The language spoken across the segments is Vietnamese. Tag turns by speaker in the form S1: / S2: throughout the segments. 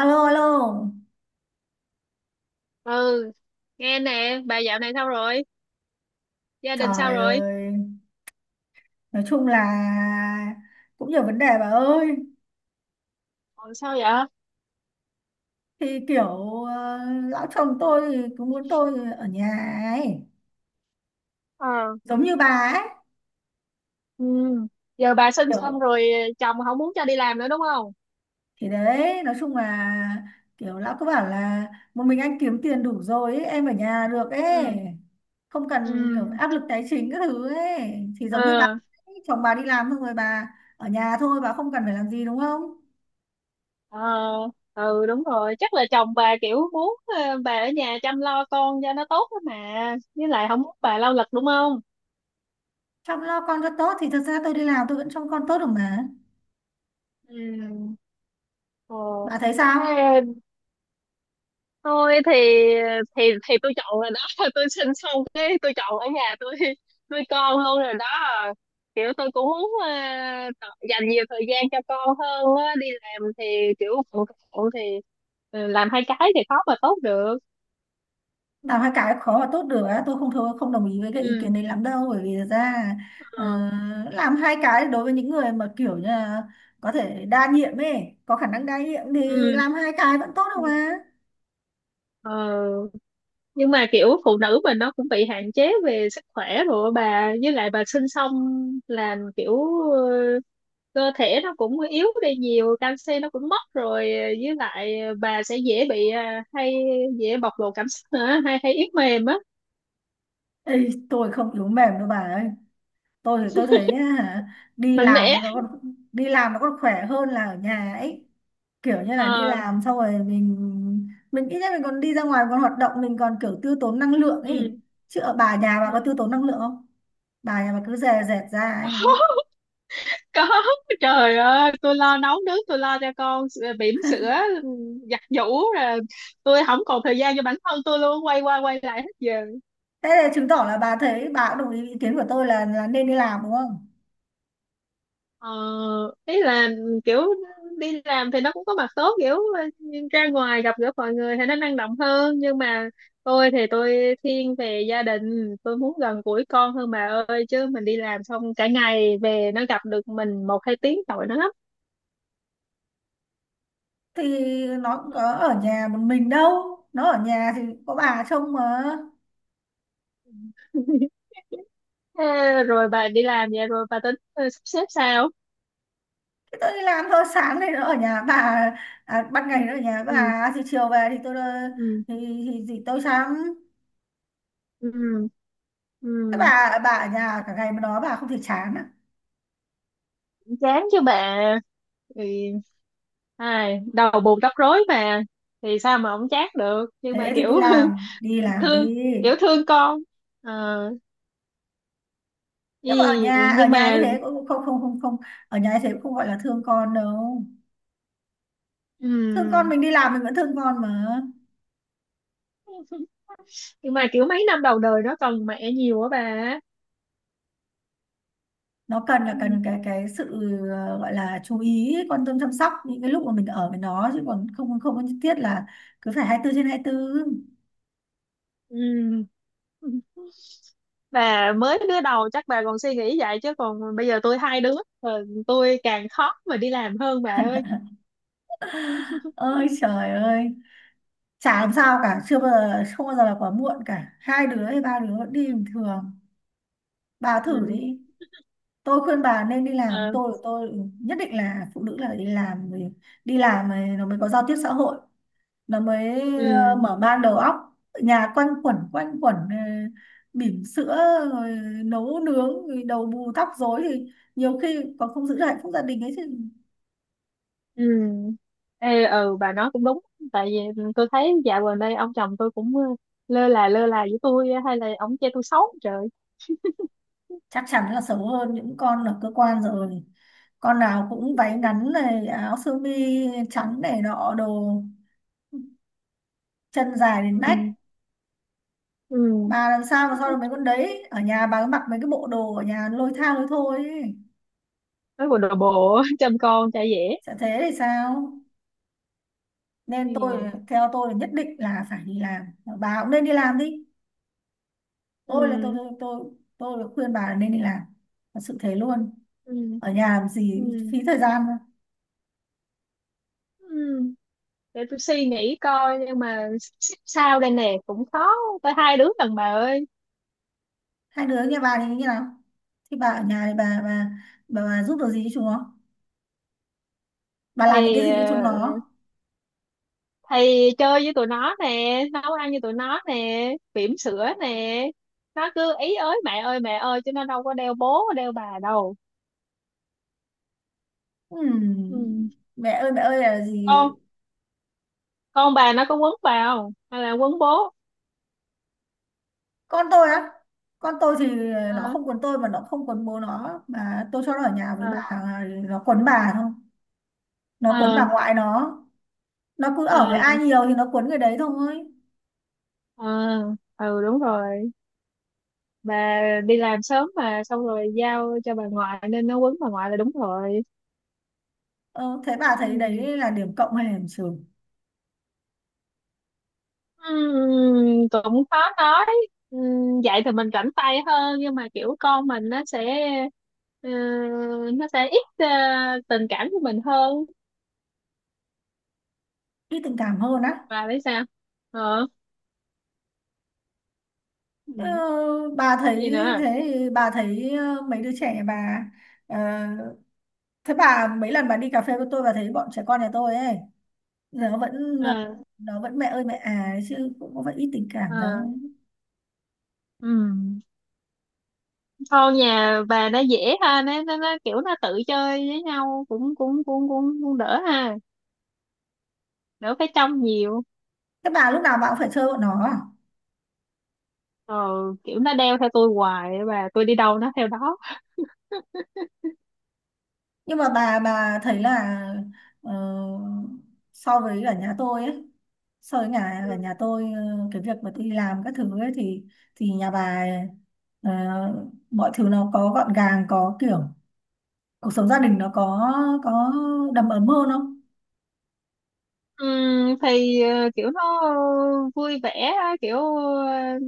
S1: Alo, alo.
S2: Ừ. Nghe nè, bà dạo này sao rồi? Gia đình sao
S1: Trời
S2: rồi?
S1: ơi, nói chung là cũng nhiều vấn đề bà ơi.
S2: Còn sao vậy?
S1: Thì kiểu ờ, lão chồng tôi thì cứ muốn tôi ở nhà ấy,
S2: Ờ.
S1: giống như bà ấy.
S2: Ừ. Giờ bà sinh xong
S1: Kiểu
S2: rồi, chồng không muốn cho đi làm nữa đúng không?
S1: thì đấy, nói chung là kiểu lão cứ bảo là một mình anh kiếm tiền đủ rồi ấy, em ở nhà được ấy,
S2: Ừ.
S1: không
S2: Ừ.
S1: cần kiểu áp lực tài chính các thứ ấy. Thì giống như bà
S2: Ờ.
S1: ấy, chồng bà đi làm xong rồi bà ở nhà thôi, bà không cần phải làm gì đúng không?
S2: Ờ. Ừ, đúng rồi, chắc là chồng bà kiểu muốn bà ở nhà chăm lo con cho nó tốt đó mà. Với lại không muốn bà lao lực đúng không?
S1: Chăm lo con cho tốt thì thật ra tôi đi làm tôi vẫn trông con tốt được mà.
S2: Ừ. Ờ.
S1: Bà thấy sao?
S2: Thế tôi thì thì tôi chọn rồi đó. Tôi sinh xong cái tôi chọn ở nhà, tôi nuôi con luôn rồi đó. Kiểu tôi cũng muốn dành nhiều thời gian cho con hơn á. Đi làm thì kiểu bận rộn, thì làm hai cái thì khó mà tốt được.
S1: Làm hai cái khó và tốt được á, tôi không thôi không đồng ý với cái ý kiến
S2: Ừ.
S1: đấy lắm đâu, bởi vì thật ra ờ,
S2: Ờ.
S1: làm hai cái đối với những người mà kiểu như là có thể đa nhiệm ấy, có khả năng đa nhiệm thì
S2: Ừ.
S1: làm hai cái vẫn tốt đâu
S2: Ừ.
S1: mà.
S2: Ờ, nhưng mà kiểu phụ nữ mình nó cũng bị hạn chế về sức khỏe rồi á bà. Với lại bà sinh xong là kiểu cơ thể nó cũng yếu đi nhiều, canxi nó cũng mất rồi, với lại bà sẽ dễ bị hay dễ bộc lộ cảm xúc nữa, hay hay yếu mềm á.
S1: Ê, tôi không yếu mềm đâu bà ơi. Tôi thì tôi thấy á, hả, đi
S2: Mạnh mẽ.
S1: làm nó còn đi làm nó còn khỏe hơn là ở nhà ấy. Kiểu như là đi
S2: Ờ.
S1: làm xong rồi mình ít nhất mình còn đi ra ngoài, còn hoạt động, mình còn kiểu tiêu tốn năng lượng
S2: Ừ.
S1: ấy. Chứ ở bà, nhà
S2: Ừ.
S1: bà có tiêu tốn năng lượng không? Bà nhà bà cứ dè dẹt ra ấy đúng không?
S2: Có, trời ơi, tôi lo nấu nướng, tôi lo cho con, bỉm sữa, giặt giũ, rồi tôi không còn thời gian cho bản thân. Tôi luôn quay qua quay lại hết giờ.
S1: Thế là chứng tỏ là bà thấy bà cũng đồng ý ý kiến của tôi là nên đi làm đúng không?
S2: Ờ, ý là kiểu đi làm thì nó cũng có mặt tốt, kiểu ra ngoài gặp gỡ mọi người thì nó năng động hơn, nhưng mà tôi thì tôi thiên về gia đình, tôi muốn gần gũi con hơn bà ơi, chứ mình đi làm xong cả ngày về nó gặp được mình một hai tiếng tội nó lắm.
S1: Thì nó cũng có ở nhà một mình đâu, nó ở nhà thì có bà trông mà.
S2: Thế rồi bà đi làm vậy rồi bà tính sắp xếp sao?
S1: Thì tôi đi làm thôi, sáng thì nó ở nhà bà, à, ban ngày nó ở nhà
S2: Ừ.
S1: bà thì chiều về thì tôi,
S2: Ừ.
S1: thì thì tôi chán.
S2: Ừ.
S1: Thế
S2: Ừ.
S1: bà ở nhà cả ngày mà nói bà không thể chán à?
S2: Chán chứ bà, thì ai đầu bù tóc rối mà, thì sao mà không chát được, nhưng mà
S1: Thế thì đi
S2: kiểu
S1: làm, đi làm
S2: thương,
S1: đi.
S2: kiểu thương con. Ờ,
S1: Nhưng mà ở
S2: nhưng
S1: nhà như
S2: mà
S1: thế cũng không không không không ở nhà như thế cũng không gọi là thương con đâu. Thương con,
S2: ừm,
S1: mình đi làm mình vẫn thương con mà.
S2: nhưng mà kiểu mấy năm đầu đời nó cần mẹ nhiều á bà.
S1: Nó cần là
S2: Ừm.
S1: cần cái sự gọi là chú ý, quan tâm, chăm sóc những cái lúc mà mình ở với nó, chứ còn không không có nhất thiết là cứ phải 24/24.
S2: Ừm. Bà mới đứa đầu chắc bà còn suy nghĩ vậy, chứ còn bây giờ tôi hai đứa rồi, tôi càng khó mà đi làm hơn bà ơi.
S1: Ơi
S2: Ừm.
S1: trời ơi, chả làm sao cả, chưa bao giờ không bao giờ là quá muộn cả, hai đứa hay ba đứa vẫn đi bình thường. Bà thử
S2: Ừm.
S1: đi, tôi khuyên bà nên đi
S2: Ờ.
S1: làm. Tôi nhất định là phụ nữ là phải đi làm rồi. Đi làm rồi nó mới có giao tiếp xã hội, nó mới
S2: Ừm.
S1: mở mang đầu óc. Nhà quanh quẩn bỉm sữa rồi nấu nướng rồi đầu bù tóc rối thì nhiều khi còn không giữ được hạnh phúc gia đình ấy thì
S2: Ừ. Ê, ừ, bà nói cũng đúng. Tại vì tôi thấy dạo gần đây ông chồng tôi cũng lơ là, lơ là với tôi á, hay là ông chê tôi xấu trời.
S1: chắc chắn là xấu hơn những con ở cơ quan rồi. Con nào cũng váy ngắn này, áo sơ mi trắng này nọ đồ, chân dài đến nách.
S2: Ừ. Ừ,
S1: Bà làm sao mà so được mấy con đấy, ở nhà bà cứ mặc mấy cái bộ đồ ở nhà lôi tha lôi thôi ấy.
S2: nói bộ đồ bộ chăm con chả dễ.
S1: Sẽ thế thì sao? Nên tôi,
S2: Ừ.
S1: theo tôi là nhất định là phải đi làm. Bà cũng nên đi làm đi. Tôi là tôi
S2: Ừ.
S1: tôi tôi tôi khuyên bà là nên đi làm. Thật sự thế luôn.
S2: Ừ.
S1: Ở nhà làm
S2: Ừ.
S1: gì phí thời gian mà.
S2: Ừ. Để tôi suy nghĩ coi, nhưng mà sao đây nè, cũng khó, tới hai đứa lần bà ơi.
S1: Hai đứa nhà bà thì như nào? Thì bà ở nhà thì bà giúp được gì cho chúng nó, bà làm những cái
S2: thì
S1: gì cho chúng
S2: ờ,
S1: nó?
S2: thì chơi với tụi nó nè, nấu ăn với tụi nó nè, bỉm sữa nè, nó cứ ý ới mẹ ơi chứ nó đâu có đeo bố đeo bà đâu. Ừ.
S1: Ừm, mẹ ơi là gì?
S2: con con bà nó có quấn bà không hay là quấn bố?
S1: Con tôi á, con tôi thì nó
S2: À.
S1: không quấn tôi, mà nó không quấn bố nó, mà tôi cho nó ở nhà với
S2: À.
S1: bà nó quấn bà thôi, nó quấn bà
S2: À.
S1: ngoại nó. Nó cứ ở với
S2: À.
S1: ai nhiều thì nó cuốn người đấy thôi.
S2: À. Ừ, đúng rồi, bà đi làm sớm mà, xong rồi giao cho bà ngoại nên nó quấn bà ngoại là đúng rồi.
S1: Ờ, Thế bà thấy
S2: Ừ.
S1: đấy là điểm cộng hay là điểm trừ?
S2: Cũng khó nói. Vậy thì mình rảnh tay hơn, nhưng mà kiểu con mình nó sẽ ờ, nó sẽ ít tình cảm của mình hơn.
S1: Ít tình cảm hơn á?
S2: Và biết sao. Ờ.
S1: ờ,
S2: Ừ.
S1: bà
S2: Cái
S1: thấy,
S2: gì nữa.
S1: thế thì bà thấy mấy đứa trẻ bà, ờ, thế bà, mấy lần bà đi cà phê với tôi bà thấy bọn trẻ con nhà tôi ấy, nó vẫn
S2: Ờ.
S1: nó vẫn mẹ ơi mẹ à ấy, chứ cũng có phải ít tình cảm đâu.
S2: Ờ. Ừm. Thôi nhà bà nó dễ ha, nó kiểu nó tự chơi với nhau, cũng cũng cũng cũng, cũng đỡ ha, đỡ phải trông nhiều.
S1: Thế bà lúc nào bà cũng phải chơi bọn nó à?
S2: ờ Kiểu nó đeo theo tôi hoài, và tôi đi đâu nó theo đó.
S1: Nhưng mà bà thấy là ờ, so với ở nhà tôi ấy so với nhà ở nhà tôi, cái việc mà tôi đi làm các thứ ấy thì nhà bà, ờ, mọi thứ nó có gọn gàng, có kiểu cuộc sống gia đình nó có đầm ấm hơn không?
S2: Thì kiểu nó vui vẻ á, ờ,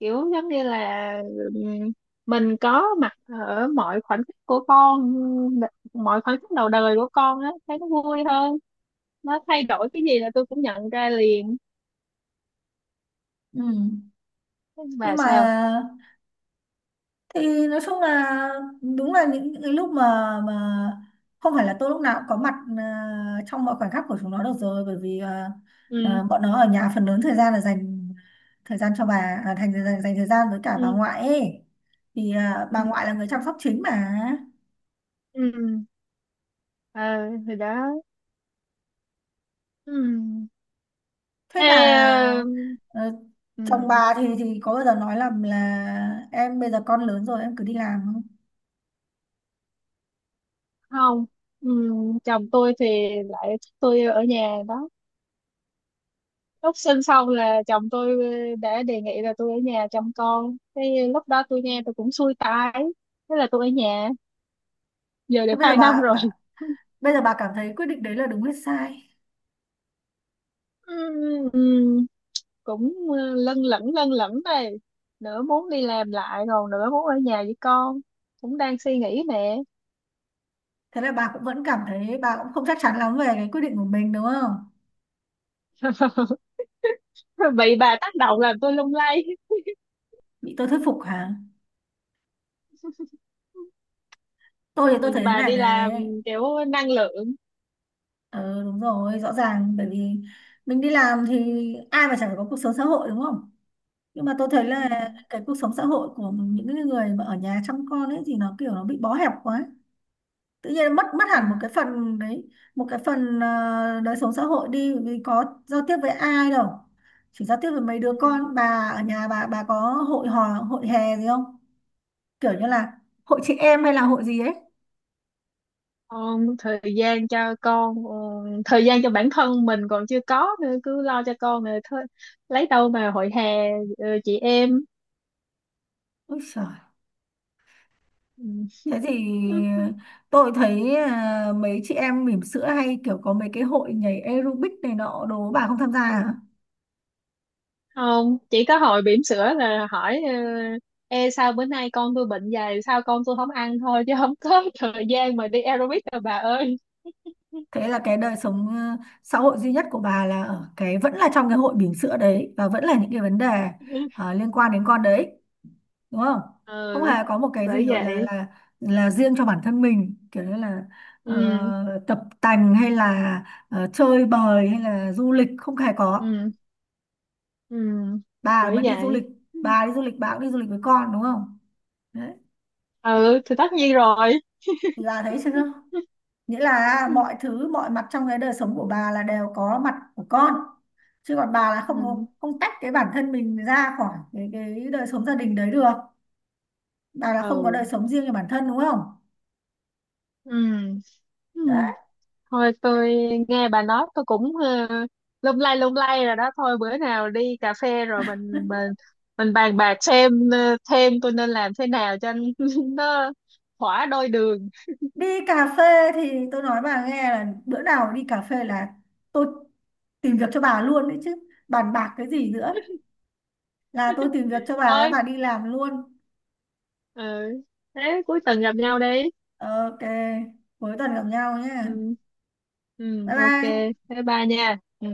S2: kiểu giống như là ừm, mình có mặt ở mọi khoảnh khắc của con, mọi khoảnh khắc đầu đời của con á, thấy nó vui hơn. Nó thay đổi cái gì là tôi cũng nhận ra liền.
S1: Ừ. Nhưng
S2: Và
S1: mà
S2: sao.
S1: thì nói chung là đúng là những cái lúc mà không phải là tôi lúc nào cũng có mặt trong mọi khoảnh khắc của chúng nó được rồi, bởi vì
S2: Ừ.
S1: bọn nó ở nhà phần lớn thời gian là dành thời gian cho bà, à, thành dành thời gian với cả bà
S2: Ừ.
S1: ngoại ấy thì, à,
S2: Ừ.
S1: bà ngoại là người chăm sóc chính mà.
S2: Ừ. Ờ. Thì đó. Ừ.
S1: Thế
S2: Thế.
S1: bà
S2: ờ,
S1: ờ,
S2: ừ.
S1: chồng bà thì có bao giờ nói là em bây giờ con lớn rồi em cứ đi làm không?
S2: Không. Ừ, chồng tôi thì lại thích tôi ở nhà đó. Lúc sinh xong là chồng tôi đã đề nghị là tôi ở nhà chăm con. Thế lúc đó tôi nghe tôi cũng xui tai, thế là tôi ở nhà, giờ được
S1: Thế bây giờ
S2: 2 năm
S1: bà,
S2: rồi.
S1: bà bây giờ bà cảm thấy quyết định đấy là đúng hay sai?
S2: Ừm. Ừm, cũng lân lẫn đây, nửa muốn đi làm lại còn nửa muốn ở nhà với con, cũng đang suy nghĩ nè.
S1: Thế là bà cũng vẫn cảm thấy bà cũng không chắc chắn lắm về cái quyết định của mình đúng không?
S2: Bị bà tác động làm tôi lung lay.
S1: Bị tôi thuyết phục hả? Tôi thì tôi thấy
S2: Nhìn
S1: thế
S2: bà
S1: này
S2: đi làm
S1: này.
S2: kiểu năng lượng.
S1: Ờ đúng rồi, rõ ràng bởi vì mình đi làm thì ai mà chẳng phải có cuộc sống xã hội đúng không? Nhưng mà tôi thấy là
S2: Ừm.
S1: cái cuộc sống xã hội của những cái người mà ở nhà chăm con ấy thì nó kiểu nó bị bó hẹp quá, tự nhiên mất mất hẳn một
S2: Ừm.
S1: cái phần đấy, một cái phần đời sống xã hội đi, vì có giao tiếp với ai đâu, chỉ giao tiếp với mấy đứa
S2: Ừ.
S1: con. Bà ở nhà bà có hội hò hội hè gì không, kiểu như là hội chị em hay là hội gì ấy?
S2: Con thời gian cho con, thời gian cho bản thân mình còn chưa có nữa, cứ lo cho con rồi thôi, lấy đâu mà hội hè, chị em.
S1: Úi giời,
S2: Ừ.
S1: thế thì tôi thấy, à, mấy chị em bỉm sữa hay kiểu có mấy cái hội nhảy aerobic này nọ đồ bà không tham gia
S2: Ừ.
S1: à?
S2: Không, chỉ có hồi bỉm sữa là hỏi Ê, sao bữa nay con tôi bệnh, dày sao con tôi không ăn thôi, chứ không có thời gian mà đi aerobic đâu bà ơi.
S1: Thế là cái đời sống xã hội duy nhất của bà là ở cái vẫn là trong cái hội bỉm sữa đấy, và vẫn là những cái vấn đề liên quan đến con đấy, đúng không? Không
S2: Ừ.
S1: hề có một cái
S2: Bởi
S1: gì gọi là
S2: vậy.
S1: là là riêng cho bản thân mình, kiểu như là
S2: Ừ.
S1: tập tành, hay là chơi bời, hay là du lịch, không hề có.
S2: Ừ. Ừ.
S1: bà
S2: Bởi
S1: mà đi du
S2: vậy.
S1: lịch bà đi du lịch bà cũng đi du lịch với con đúng không? Đấy,
S2: Ừ thì tất nhiên rồi.
S1: thì bà thấy chưa, nghĩa là mọi thứ, mọi mặt trong cái đời sống của bà là đều có mặt của con, chứ còn bà là
S2: Ừ.
S1: không tách cái bản thân mình ra khỏi cái đời sống gia đình đấy được. Bà là không có
S2: Ừ.
S1: đời sống riêng cho bản thân đúng không?
S2: Ừ. Ừ.
S1: Đấy.
S2: Thôi tôi nghe bà nói tôi cũng lung lay rồi đó. Thôi bữa nào đi cà phê rồi mình bàn bạc xem thêm tôi nên làm thế nào cho nó thỏa đôi đường.
S1: Đi cà phê thì tôi nói bà nghe là bữa nào đi cà phê là tôi tìm việc cho bà luôn đấy chứ, bàn bạc cái gì nữa, là tôi tìm việc cho bà
S2: Thôi.
S1: bà đi làm luôn.
S2: Ừ. Thế cuối tuần gặp nhau đi.
S1: Ờ, OK, cuối tuần gặp nhau nhé.
S2: Ừ. Ừ.
S1: Bye
S2: Ok.
S1: bye.
S2: Bye bye nha. Ừ.